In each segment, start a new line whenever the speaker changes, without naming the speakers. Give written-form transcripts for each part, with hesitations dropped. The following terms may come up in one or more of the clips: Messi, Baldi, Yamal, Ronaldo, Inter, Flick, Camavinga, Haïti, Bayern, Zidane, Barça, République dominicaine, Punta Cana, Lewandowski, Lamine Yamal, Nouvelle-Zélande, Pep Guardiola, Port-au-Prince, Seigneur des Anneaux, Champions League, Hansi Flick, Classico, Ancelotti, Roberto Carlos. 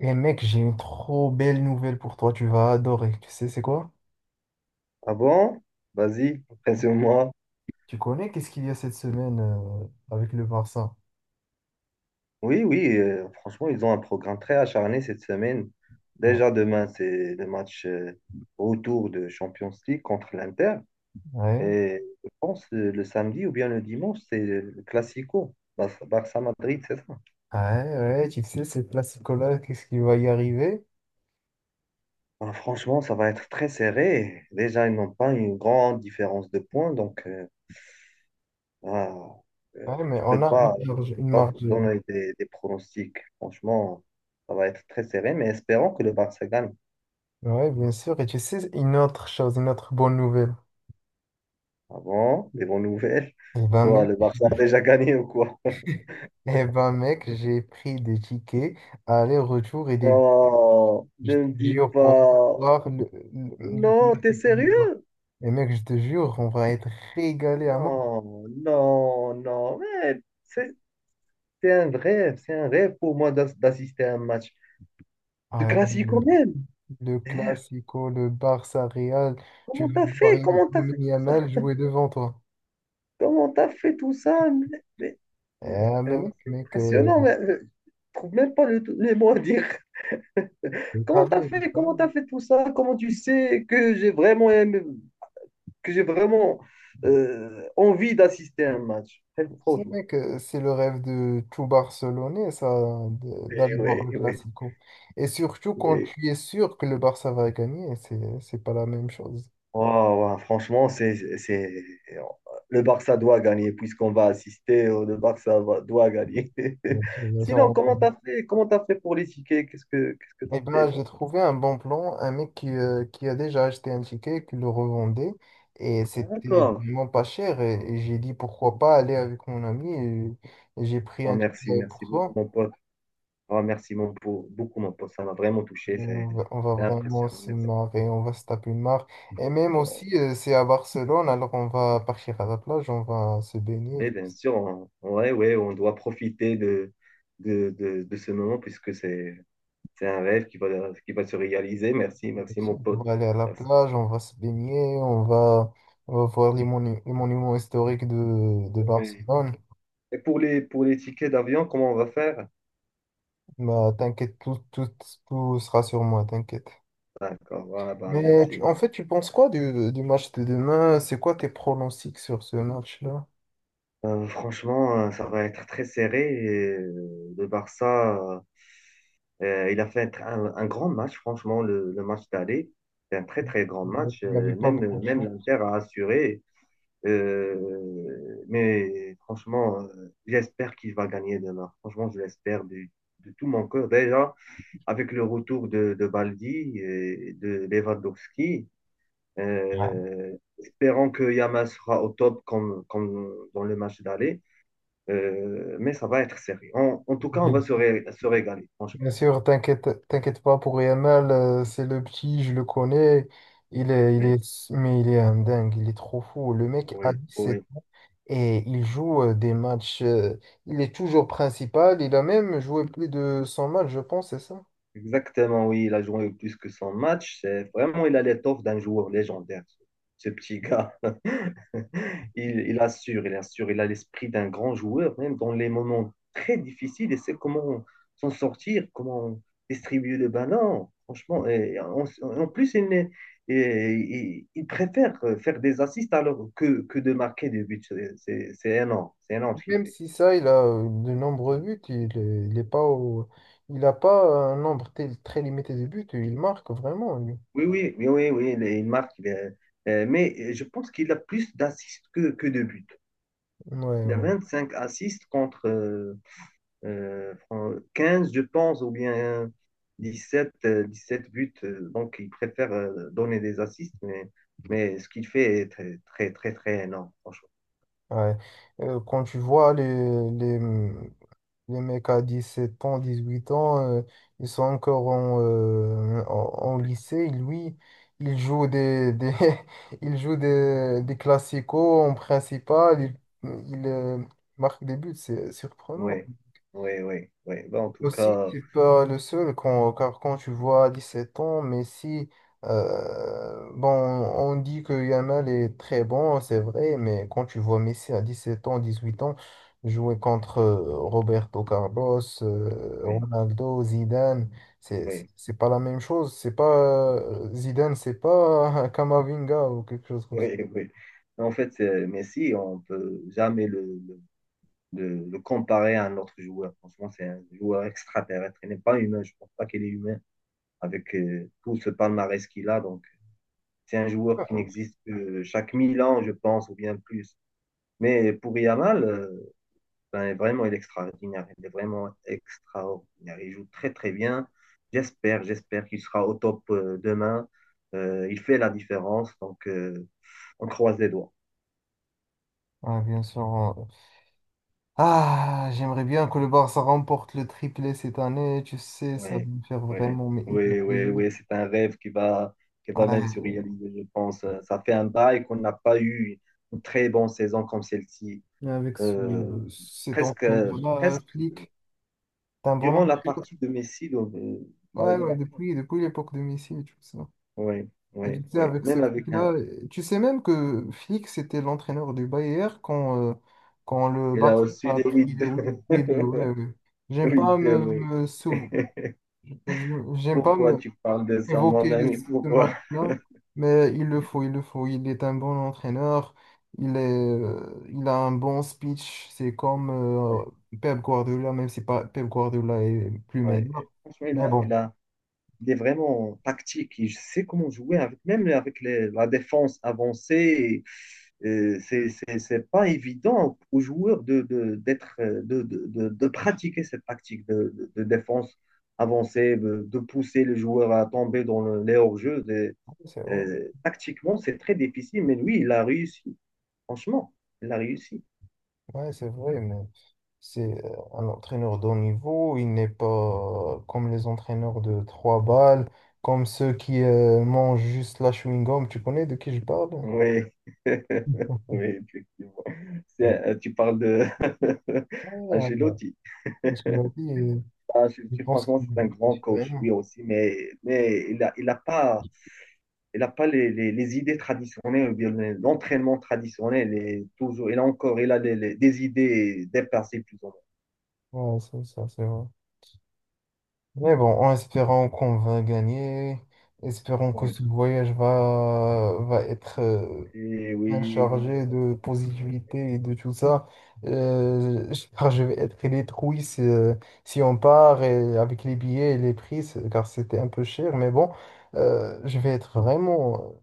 Et mec, j'ai une trop belle nouvelle pour toi, tu vas adorer. Tu sais, c'est quoi?
Ah bon? Vas-y, impressionne-moi.
Tu connais qu'est-ce qu'il y a cette semaine avec le Barça?
Oui, oui, franchement, ils ont un programme très acharné cette semaine.
Ouais,
Déjà demain, c'est le match retour de Champions League contre l'Inter.
ouais,
Et je pense le samedi ou bien le dimanche, c'est le Classico, Barça-Madrid, c'est ça.
ouais, ouais, tu sais, ce classico-là, qu'est-ce qui va y arriver?
Alors, franchement, ça va être très serré. Déjà, ils n'ont pas une grande différence de points, donc. Ah,
Ouais, mais
je
on
peux
a
pas,
une
je
marge,
peux
une
pas vous
marge.
donner des pronostics. Franchement, ça va être très serré, mais espérons que le Barça gagne.
Ouais, bien sûr. Et tu sais, une autre chose, une autre bonne nouvelle.
Avant, des bonnes nouvelles.
Eh ben,
Quoi,
mec,
le Barça a déjà gagné ou quoi?
j'ai pris des tickets aller-retour et des
Non,
je
ne me
te
dis
jure pour
pas.
voir le
Non, t'es
classico du Barça.
sérieux?
Et mec, je te jure, on va être régalé à mort.
Non, non, non. Mais c'est un rêve, c'est un rêve pour moi d'assister à un match de
Ouais,
classico même.
le
Merde,
Classico, le Barça Real, tu
comment
vas
t'as
voir
fait? Comment t'as fait
Lamine
tout ça?
Yamal jouer devant toi.
Comment t'as fait tout ça? Mais
Eh,
vraiment,
mec,
c'est
mec,
impressionnant. Mais je trouve même pas les mots à dire.
le
Comment t'as
travail, le
fait?
travail.
Comment t'as fait tout ça? Comment tu sais que j'ai vraiment aimé, que j'ai vraiment envie d'assister à un match? Très
Tu sais,
franchement.
mec, c'est le rêve de tout Barcelonais, ça, d'aller voir
Oui,
le
oui,
Classico. Et surtout quand
oui.
tu es sûr que le Barça va gagner, c'est pas la même chose.
Waouh, waouh, franchement, c'est. Le Barça doit gagner puisqu'on va assister. Le Barça doit gagner.
Bien sûr, bien
Sinon,
sûr.
comment t'as fait? Comment t'as fait pour les tickets? Qu'est-ce que
Eh
t'as fait?
ben, j'ai trouvé un bon plan, un mec qui a déjà acheté un ticket, qui le revendait, et c'était
D'accord.
vraiment pas cher, et j'ai dit pourquoi pas aller avec mon ami, et j'ai pris
Oh,
un
merci,
ticket
merci
pour
beaucoup,
toi.
mon pote. Oh, merci, beaucoup, mon pote. Ça m'a vraiment touché.
On
C'est
va, on va
c'est
vraiment
impressionnant.
se
Merci.
marrer, on va se taper une marre. Et même aussi,
Oh,
c'est à Barcelone, alors on va partir à la plage, on va se baigner,
et
je
bien sûr, on, ouais, ouais, on doit profiter de ce moment puisque c'est un rêve qui va se réaliser. Merci, merci,
pense.
mon
on
pote.
va aller à la
Merci.
plage, on va se baigner, on va voir les monuments historiques de
Ouais.
Barcelone.
Et pour les tickets d'avion, comment on va faire?
Bah, t'inquiète, tout sera sur moi, t'inquiète.
D'accord, voilà, bah,
Mais
merci,
en
merci.
fait, tu penses quoi du match de demain? C'est quoi tes pronostics sur ce match-là?
Franchement, ça va être très serré. Et, le Barça. Il a fait un grand match, franchement, le match d'aller. C'est un très, très grand
Il
match.
n'y avait
Euh,
pas beaucoup
même
de
même
chance.
l'Inter a assuré. Mais franchement, j'espère qu'il va gagner demain. Franchement, je l'espère de tout mon cœur. Déjà, avec le retour de Baldi et de Lewandowski,
Ouais.
euh, espérons que Yamal sera au top comme dans le match d'aller. Mais ça va être serré. En tout cas, on va
Bien
se régaler, franchement.
bien sûr, t'inquiète pas pour Yamal, c'est le petit, je le connais.
Mais,
Mais il est un dingue, il est trop fou. Le mec a
oui,
17
oui.
ans et il joue des matchs. Il est toujours principal, il a même joué plus de 100 matchs, je pense, c'est ça?
Exactement, oui, il a joué plus que son match. C'est vraiment, il a l'étoffe d'un joueur légendaire, ce petit gars. Il assure, il assure, il a l'esprit d'un grand joueur, même dans les moments très difficiles. Il sait comment s'en sortir, comment distribuer le ballon. Franchement, et en plus, il, n'est- et- il préfère faire des assists alors que de marquer des buts. C'est énorme, c'est énorme ce qu'il
Même
fait.
si ça, il a de nombreux buts, il n'a pas un nombre très limité de buts, il marque vraiment, lui.
Oui, oui, oui, oui, oui, il marque. Mais je pense qu'il a plus d'assists que de buts.
Ouais,
Il a
ouais,
25 assists contre 15, je pense, ou bien 17 sept buts. Donc, il préfère donner des assists, mais ce qu'il fait est très, très, très, très énorme, franchement.
ouais. Quand tu vois les, les mecs à 17 ans, 18 ans, ils sont encore en lycée, lui, il joue des, il joue des classicos en principal, il marque des buts, c'est
Oui,
surprenant.
oui, oui, oui. Ben, en tout
Aussi,
cas,
tu peux le seul quand, car quand tu vois 17 ans, mais si, bon, on dit que Yamal est très bon, c'est vrai, mais quand tu vois Messi à 17 ans, 18 ans, jouer contre Roberto Carlos,
oui,
Ronaldo, Zidane, c'est, c'est
oui,
c'est pas la même chose. C'est pas, Zidane, c'est pas Camavinga ou quelque chose comme ça.
oui, oui. En fait, Messi, on ne peut jamais le, de le comparer à un autre joueur. Franchement, c'est un joueur extraterrestre. Il n'est pas humain. Je ne pense pas qu'il est humain avec tout ce palmarès qu'il a. Donc, c'est un joueur qui n'existe que chaque mille ans, je pense, ou bien plus. Mais pour Yamal, ben, vraiment, il est extraordinaire. Il est vraiment extraordinaire. Il joue très, très bien. J'espère qu'il sera au top demain. Il fait la différence. Donc, on croise les doigts.
Ouais, bien sûr. Ah, j'aimerais bien que le Barça remporte le triplé cette année. Tu sais, ça va
Ouais,
me faire
ouais,
vraiment mais hyper
ouais, ouais,
plaisir.
ouais, c'est un rêve qui va même se
Ouais,
réaliser, je pense. Ça fait un bail qu'on n'a pas eu une très bonne saison comme celle-ci.
et avec ce,
Euh,
cet
Presque,
entraîneur-là,
presque
Flick, c'est un bon
durant la
entraîneur.
partie de Messi, donc,
Ouais,
le
ouais,
baptême.
depuis l'époque de Messi et tout ça.
Ouais,
Et tu
ouais,
sais,
ouais.
avec ce
Même avec un.
Flick-là, tu sais même que Flick, c'était l'entraîneur du Bayern quand le
Il a
Barça
reçu
a
les huit
pris.
deux.
Oui, oui, oui, ouais, ouais. J'aime
Huit
pas
deux,
me,
ouais.
me sou- J'aime pas
Pourquoi
me,
tu parles de ça, mon
évoquer
ami?
ce
Pourquoi?
match-là, mais il le faut, il le faut. Il est un bon entraîneur, il a un bon speech. C'est comme
Ouais,
Pep Guardiola, même si pas, Pep Guardiola est plus
ouais.
meilleur.
Franchement,
Mais bon,
il est vraiment tactique. Il sait comment jouer, même avec la défense avancée. C'est pas évident aux joueurs d'être, de pratiquer cette tactique de défense avancée, de pousser les joueurs à tomber dans les hors-jeux.
c'est vrai.
Tactiquement, c'est très difficile, mais lui, il a réussi. Franchement, il a réussi.
Ouais, c'est vrai, mais c'est un entraîneur de haut niveau. Il n'est pas comme les entraîneurs de trois balles, comme ceux qui mangent juste la chewing-gum. Tu connais de qui je parle?
Oui, oui, effectivement.
Ouais,
Tu parles de
ouais. Ouais.
Ancelotti.
Parce que j'avais dit,
Ah, je
je
dis
pense
franchement,
qu'il
c'est un grand coach, lui
vraiment.
aussi, mais il a pas, il a pas les idées traditionnelles, ou bien l'entraînement traditionnel. Et toujours, il a encore il a les- des idées dépassées, plus ou
Ouais, c'est ça, c'est vrai. Mais bon, en espérant qu'on va gagner, espérons que
moins. Oui,
ce voyage va être
et
même
oui, oui.
chargé
donc,
de positivité et de tout ça. Je Car je vais être détruit si on part et avec les billets et les prix, car c'était un peu cher. Mais bon, je vais être vraiment.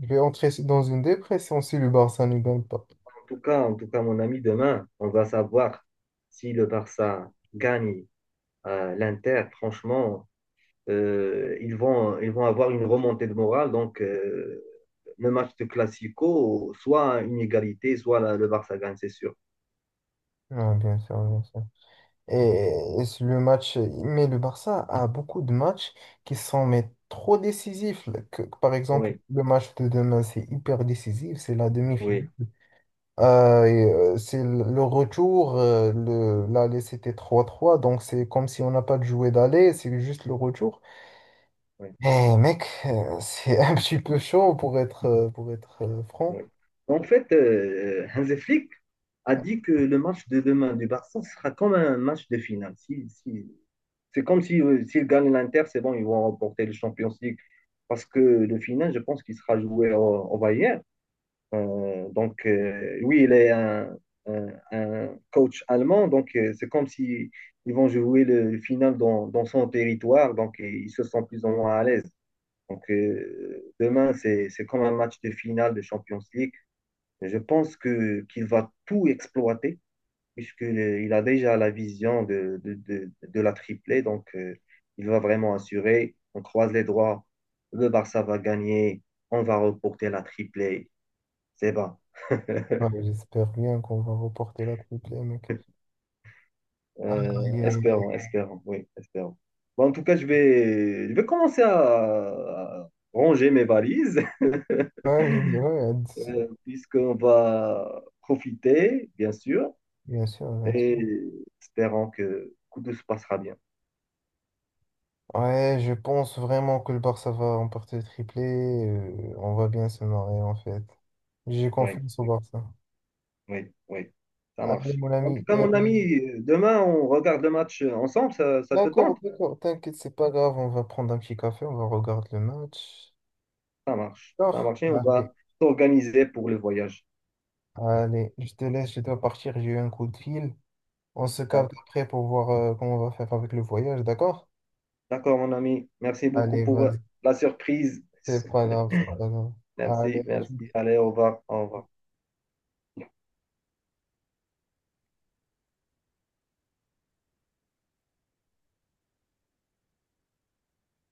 Je vais entrer dans une dépression si le Barça ne gagne pas.
En tout cas, mon ami, demain, on va savoir si le Barça gagne l'Inter. Franchement, ils vont avoir une remontée de morale. Donc, le match de Classico, soit une égalité, soit le Barça gagne, c'est sûr.
Ah, bien sûr, bien sûr. Et, et c'est le match, mais le Barça a beaucoup de matchs qui sont mais, trop décisifs. Par exemple,
Oui.
le match de demain, c'est hyper décisif, c'est la demi-finale.
Oui,
Euh, et, c'est le retour, l'aller c'était 3-3 donc c'est comme si on n'a pas de jouet d'aller, c'est juste le retour.
oui,
Eh mec, c'est un petit peu chaud pour être franc.
oui. En fait, Hansi Flick a dit que le match de demain du Barça sera comme un match de finale. C'est comme si, s'ils gagnent l'Inter, c'est bon, ils vont remporter le Champions League. Parce que le final, je pense qu'il sera joué au Bayern. Donc, oui, il est un coach allemand. Donc, c'est comme si ils vont jouer final dans son territoire. Donc, ils se sentent plus ou moins à l'aise. Donc, demain, c'est comme un match de finale de Champions League. Je pense que qu'il va tout exploiter, puisqu'il a déjà la vision de la triplée. Donc, il va vraiment assurer. On croise les doigts. Le Barça va gagner. On va reporter la triplée. C'est bas.
Ouais, j'espère bien qu'on va reporter la triplée, mec. Ah, aïe, aïe,
Espérons, espérons. Oui, espérons. Bon, en tout cas, je vais commencer à ranger mes valises.
aïe. Ouais, bien sûr, ouais,
Puisqu'on va profiter, bien sûr,
bien sûr. Bien sûr.
et espérons que tout se passera bien.
Ouais, je pense vraiment que le Barça va remporter le triplé. On va bien se marrer en fait. J'ai
Oui,
confiance au
oui,
Barça.
oui, oui, ça
Allez,
marche.
mon
En tout
ami.
cas, mon ami, demain, on regarde le match ensemble, ça te
D'accord,
tente?
d'accord, t'inquiète, c'est pas grave, on va prendre un petit café, on va regarder le match.
Ça
D'accord,
marche, et on
allez,
va s'organiser pour le voyage.
allez, je te laisse, je dois partir, j'ai eu un coup de fil. On se capte
D'accord,
après pour voir comment on va faire avec le voyage, d'accord?
D'accord, mon ami, merci beaucoup
Allez,
pour
vas-y,
la surprise.
c'est pas grave, c'est pas grave. Allez,
Merci,
à tout
merci. Allez, au revoir, au revoir.